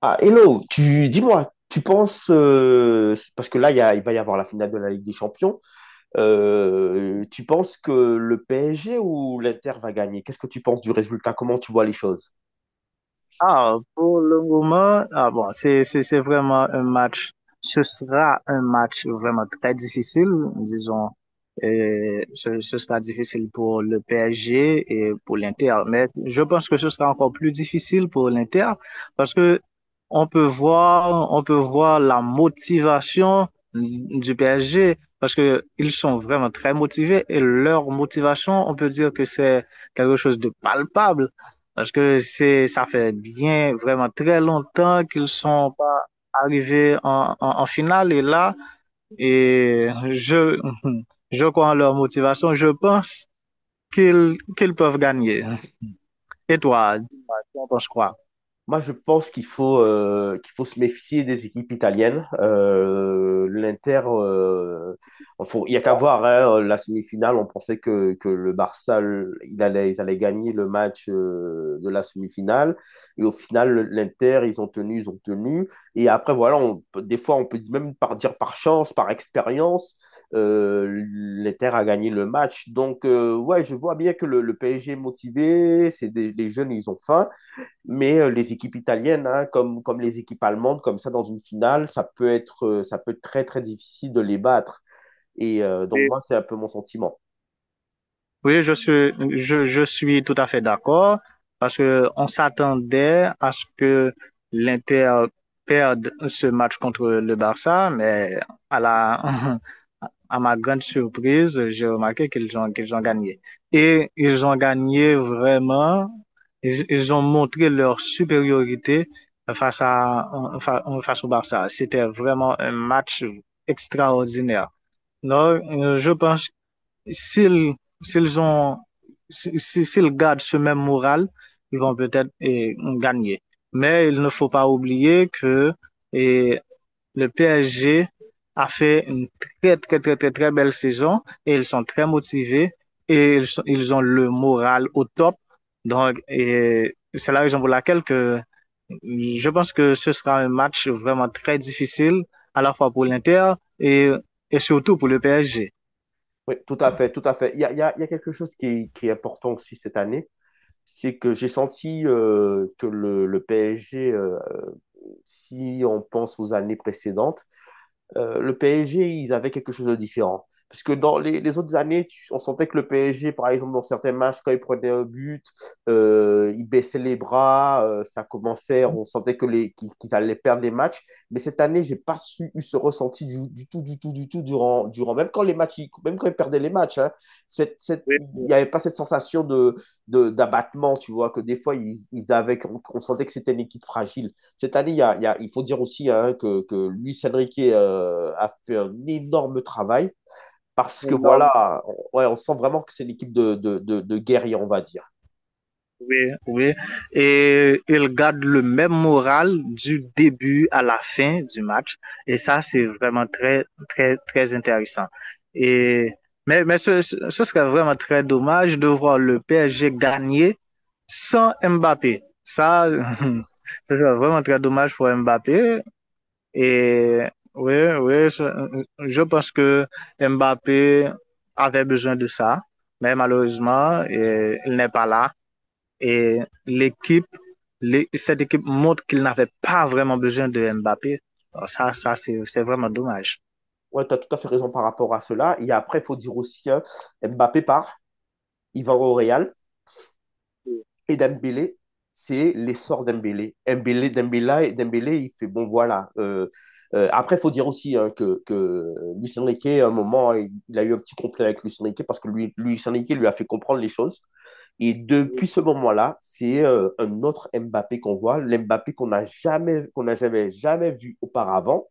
Ah, hello, tu dis-moi, tu penses, parce que là, il va y avoir la finale de la Ligue des Champions, tu penses que le PSG ou l'Inter va gagner? Qu'est-ce que tu penses du résultat? Comment tu vois les choses? Ah, pour le moment, ah bon, c'est vraiment un match. Ce sera un match vraiment très difficile, disons. Ce sera difficile pour le PSG et pour l'Inter, mais je pense que ce sera encore plus difficile pour l'Inter parce que on peut voir la motivation du PSG parce que ils sont vraiment très motivés et leur motivation, on peut dire que c'est quelque chose de palpable. Parce que c'est, ça fait bien, vraiment très longtemps qu'ils sont pas arrivés en finale. Et là, et je, je crois en leur motivation. Je pense qu'ils peuvent gagner. Et toi, dis-moi, tu en penses quoi? Moi, je pense qu'il faut se méfier des équipes italiennes. L'Inter, il n'y a qu'à voir hein, la semi-finale. On pensait que le Barça, il allait, ils allaient gagner le match de la semi-finale. Et au final, l'Inter, ils ont tenu, ils ont tenu. Et après, voilà, des fois, on peut même dire par chance, par expérience, l'Inter a gagné le match. Donc, ouais, je vois bien que le PSG est motivé. C'est des, les jeunes, ils ont faim. Mais les équipes italiennes, hein, comme les équipes allemandes, comme ça, dans une finale, ça peut être très, très difficile de les battre. Et donc, Oui. moi, c'est un peu mon sentiment. Oui, je suis tout à fait d'accord parce que on s'attendait à ce que l'Inter perde ce match contre le Barça, mais à la, à ma grande surprise, j'ai remarqué qu'ils ont gagné. Et ils ont gagné vraiment, ils ont montré leur supériorité face à, face au Barça. C'était vraiment un match extraordinaire. Non, je pense s'ils s'ils ont s'ils gardent ce même moral, ils vont peut-être gagner. Mais il ne faut pas oublier que eh, le PSG a fait une très, très, très, très, très belle saison et ils sont très motivés et ils ont le moral au top. Donc, c'est la raison pour laquelle que je pense que ce sera un match vraiment très difficile, à la fois pour l'Inter et, et surtout pour le PSG. Oui, tout à fait, tout à fait. Il y a quelque chose qui est important aussi cette année, c'est que j'ai senti que le PSG, si on pense aux années précédentes, le PSG, ils avaient quelque chose de différent. Parce que dans les autres années, on sentait que le PSG, par exemple, dans certains matchs, quand ils prenaient un but, il baissait les bras, ça commençait, on sentait que qu'ils allaient perdre les matchs. Mais cette année, j'ai pas eu ce ressenti du tout, du tout, du tout, durant, même quand les matchs, même quand ils perdaient les matchs, hein, Oui, il oui. n'y avait pas cette sensation d'abattement, tu vois, que des fois, ils avaient, qu'on sentait que c'était une équipe fragile. Cette année, il faut dire aussi hein, que Luis Enrique a fait un énorme travail parce que Énorme. voilà, on, ouais, on sent vraiment que c'est une équipe de guerriers, on va dire. Oui, oui. Et il garde le même moral du début à la fin du match. Et ça, c'est vraiment très, très, très intéressant. Et, mais ce serait vraiment très dommage de voir le PSG gagner sans Mbappé. Ça, ce serait vraiment très dommage pour Mbappé. Et oui, oui, je pense que Mbappé avait besoin de ça. Mais malheureusement, il n'est pas là. Et l'équipe, cette équipe montre qu'il n'avait pas vraiment besoin de Mbappé. Alors ça, c'est vraiment dommage. Ouais, tu as tout à fait raison par rapport à cela. Et après, il faut dire aussi, hein, Mbappé part, il va au Real. Et Dembélé, c'est l'essor Dembélé. Dembélé, il fait bon, voilà. Après, il faut dire aussi hein, que Luis Enrique, à un moment, il a eu un petit conflit avec Luis Enrique parce que lui, Luis Enrique lui a fait comprendre les choses. Et depuis ce moment-là, c'est un autre Mbappé qu'on voit, l'Mbappé qu'on n'a jamais, jamais vu auparavant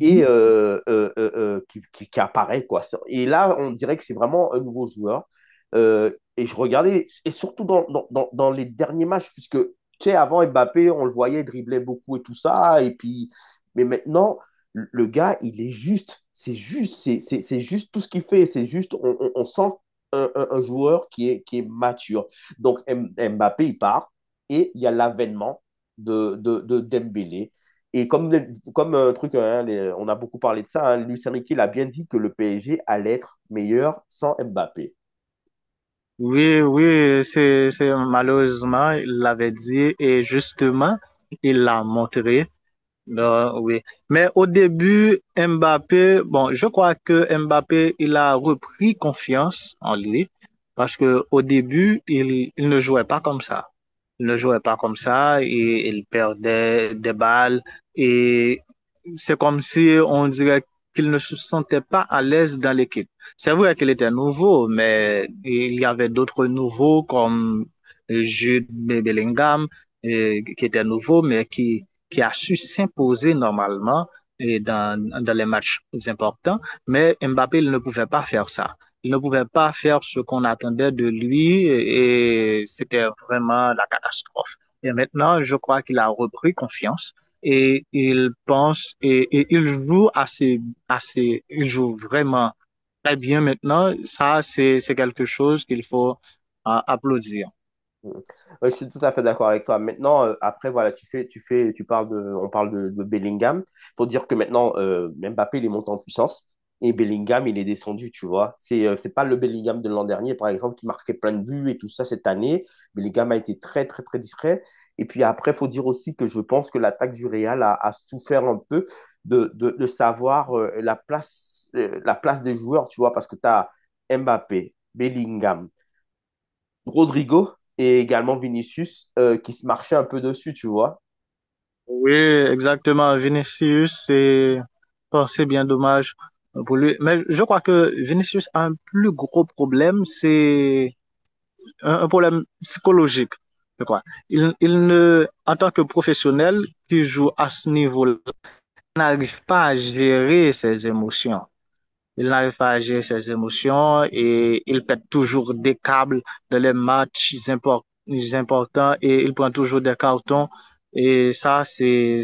et qui apparaît, quoi. Et là, on dirait que c'est vraiment un nouveau joueur. Euh, et je regardais, et surtout dans les derniers matchs, puisque, tu sais, avant Mbappé, on le voyait dribbler beaucoup et tout ça, et puis, mais maintenant, le gars, il est juste, c'est juste tout ce qu'il fait, c'est juste, on sent un joueur qui est mature. Donc, Mbappé, il part, et il y a l'avènement de Dembélé et comme un truc, hein, on a beaucoup parlé de ça, hein, Luis Enrique l'a bien dit que le PSG allait être meilleur sans Mbappé. Oui, oui, c'est malheureusement, il l'avait dit et justement, il l'a montré. Non, oui. Mais au début, Mbappé, bon, je crois que Mbappé, il a repris confiance en lui parce que au début, il ne jouait pas comme ça. Il ne jouait pas comme ça et il perdait des balles et c'est comme si on dirait qu'il ne se sentait pas à l'aise dans l'équipe. C'est vrai qu'il était nouveau, mais il y avait d'autres nouveaux comme Jude Bellingham, qui était nouveau, mais qui a su s'imposer normalement et dans les matchs importants, mais Mbappé il ne pouvait pas faire ça. Il ne pouvait pas faire ce qu'on attendait de lui et c'était vraiment la catastrophe. Et maintenant, je crois qu'il a repris confiance et il pense il joue assez, assez, il joue vraiment très bien maintenant. Ça, c'est quelque chose qu'il faut applaudir. Mm. Ouais, je suis tout à fait d'accord avec toi. Maintenant, après, voilà, tu parles on parle de Bellingham. Faut dire que maintenant, Mbappé, il est monté en puissance et Bellingham, il est descendu, tu vois. C'est pas le Bellingham de l'an dernier, par exemple, qui marquait plein de buts et tout ça cette année. Bellingham a été très, très, très discret. Et puis après, faut dire aussi que je pense que l'attaque du Real a souffert un peu de savoir la place des joueurs, tu vois, parce que tu as Mbappé, Bellingham. Rodrigo et également Vinicius qui se marchaient un peu dessus, tu vois. Oui, exactement. Vinicius, c'est bon, c'est bien dommage pour lui. Mais je crois que Vinicius a un plus gros problème, c'est un problème psychologique, je crois. Il ne, En tant que professionnel qui joue à ce niveau-là, il n'arrive pas à gérer ses émotions. Il n'arrive pas à gérer ses émotions et il pète toujours des câbles dans les importants et il prend toujours des cartons. Et ça,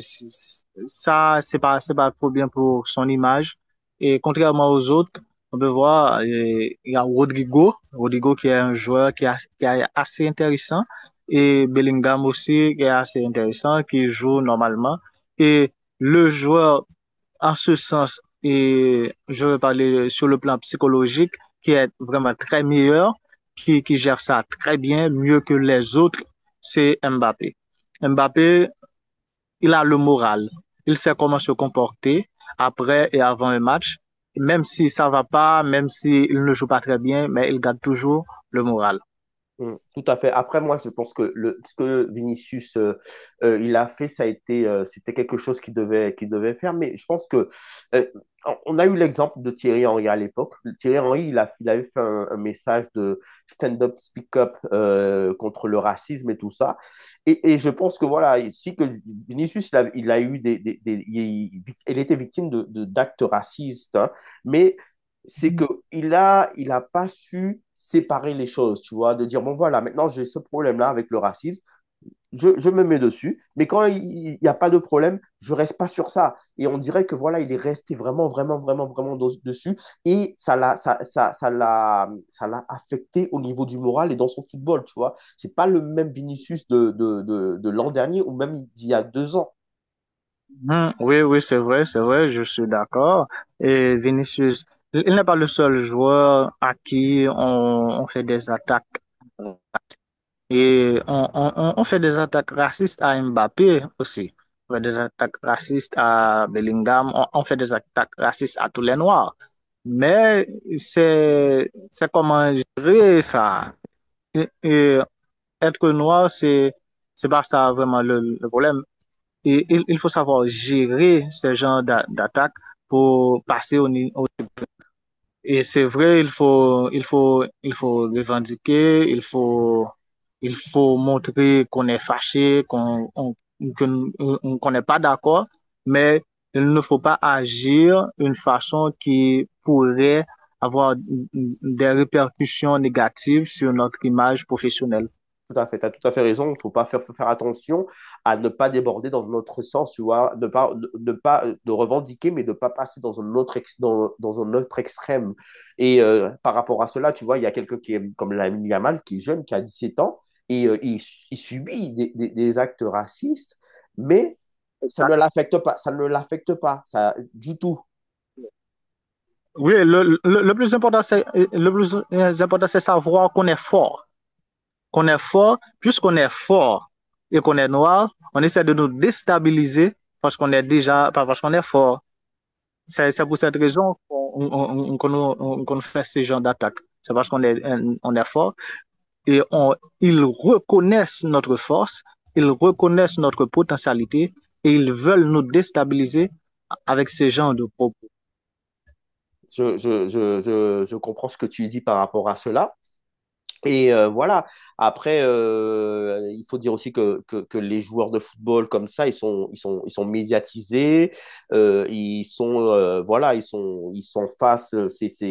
ça, c'est pas trop bien pour son image. Et contrairement aux autres, on peut voir, il y a Rodrigo, Rodrigo qui est un joueur qui est assez intéressant et Bellingham aussi qui est assez intéressant, qui joue normalement. Et le joueur en ce sens, et je vais parler sur le plan psychologique, qui est vraiment très meilleur, qui gère ça très bien, mieux que les autres, c'est Mbappé. Mbappé, il a le moral. Il sait comment se comporter après et avant un match. Même si ça va pas, même s'il ne joue pas très bien, mais il garde toujours le moral. Mm. Tout à fait. Après, moi, je pense que ce que Vinicius il a fait, ça a été, c'était quelque chose qu'il devait faire. Mais je pense que euh, on a eu l'exemple de Thierry Henry à l'époque. Thierry Henry, il avait fait un message de stand-up, speak-up contre le racisme et tout ça. Et je pense que voilà, si que Vinicius, il a eu des- il était victime d'actes racistes, hein, mais c'est que il a pas su séparer les choses, tu vois, de dire, bon voilà, maintenant j'ai ce problème-là avec le racisme, je me mets dessus, mais quand il n'y a pas de problème, je reste pas sur ça. Et on dirait que voilà, il est resté vraiment, vraiment, vraiment, dessus, et ça l'a, ça, ça l'a affecté au niveau du moral et dans son football, tu vois. C'est pas le même Vinicius de l'an dernier ou même d'il y a deux ans. Hmm, oui, oui, c'est vrai, je suis d'accord. Et Vinicius, il n'est pas le seul joueur à qui on fait des attaques. Et on fait des attaques racistes à Mbappé aussi. On fait des attaques racistes à Bellingham. On fait des attaques racistes à tous les Noirs. Mais c'est comment gérer ça. Et être noir, c'est pas ça vraiment le problème. Et il faut savoir gérer ce genre d'attaque pour passer au niveau. Et c'est vrai, il faut revendiquer, il faut montrer qu'on est fâché, qu'on n'est pas d'accord, mais il ne faut pas agir d'une façon qui pourrait avoir des répercussions négatives sur notre image professionnelle. Tout à fait, tu as tout à fait raison. Il faut pas faire, Faut faire attention à ne pas déborder dans notre sens, tu vois, ne pas, de pas de revendiquer, mais de pas passer dans un autre, dans un autre extrême. Et par rapport à cela, tu vois, il y a quelqu'un qui est comme Lamine Yamal, qui est jeune, qui a 17 ans, et il subit des, des actes racistes, mais ça ne Exact. l'affecte pas, ça ne l'affecte pas, ça, du tout. Oui, le plus important, le plus important, c'est savoir qu'on est fort. Qu'on est fort, puisqu'on est fort et qu'on est noir, on essaie de nous déstabiliser parce qu'on est déjà, pas parce qu'on est fort. C'est pour cette raison qu'on fait ces genres d'attaques. C'est parce qu'on est, on est fort et ils reconnaissent notre force, ils reconnaissent notre potentialité et ils veulent nous déstabiliser avec ces genres de propos. Je comprends ce que tu dis par rapport à cela. Et voilà. Après, il faut dire aussi que les joueurs de football comme ça, ils sont médiatisés. Voilà, ils sont face. C'est,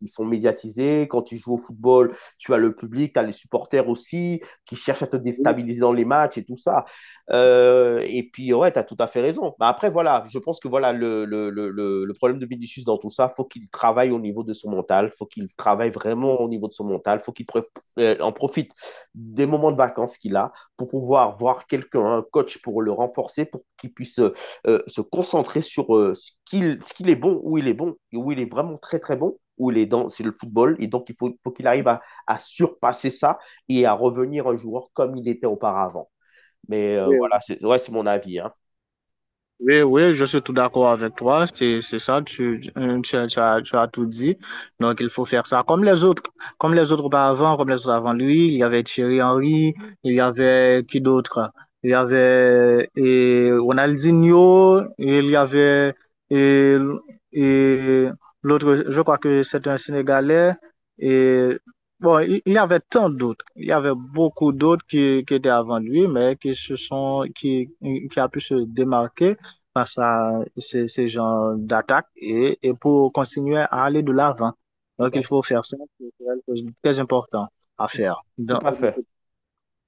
ils sont médiatisés. Quand tu joues au football, tu as le public, tu as les supporters aussi qui cherchent à te Oui, déstabiliser dans les matchs et tout ça. Et puis, ouais, tu as tout à fait raison. Mais après, voilà, je pense que voilà, le problème de Vinicius dans tout ça, faut qu'il travaille au niveau de son mental, faut qu'il travaille vraiment au niveau de son mental, en profite des moments de vacances qu'il a pour pouvoir voir quelqu'un, un coach pour le renforcer, pour qu'il puisse se concentrer sur ce qu'il est bon, où il est bon, et où il est vraiment très très bon où il est dans, c'est le football. Et donc, faut qu'il arrive à, surpasser ça et à revenir un joueur comme il était auparavant. Mais voilà, oui. c'est ouais, c'est mon avis, hein. Oui, oui, je suis tout d'accord avec toi. C'est ça, tu as tout dit. Donc, il faut faire ça comme les autres avant, comme les autres avant lui. Il y avait Thierry Henry, il y avait qui d'autre? Il y avait et Ronaldinho, il y avait et, et l'autre, je crois que c'est un Sénégalais. Et bon, il y avait tant d'autres. Il y avait beaucoup d'autres qui étaient avant lui, mais qui a pu se démarquer par ça, ces genres d'attaques et pour continuer à aller de l'avant. Tout Donc, à il fait. faut faire ça, c'est quelque chose de très important à Tout, faire. Donc, Tout à oui, fait.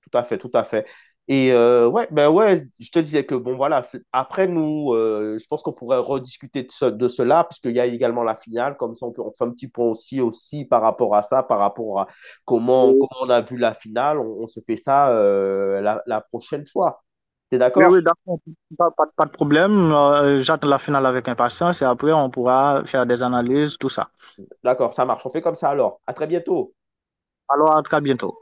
Tout à fait, tout à fait. Et ouais, ben ouais, je te disais que bon voilà, après nous, je pense qu'on pourrait rediscuter de cela, puisqu'il y a également la finale, comme ça on fait un petit point aussi, aussi par rapport à ça, par rapport à comment, comment on a vu la finale, on se fait ça la prochaine fois. T'es d'accord? oui, d'accord, pas de problème. J'attends la finale avec impatience et après, on pourra faire des analyses, tout ça. D'accord, ça marche, on fait comme ça alors. À très bientôt. Alors, à très bientôt.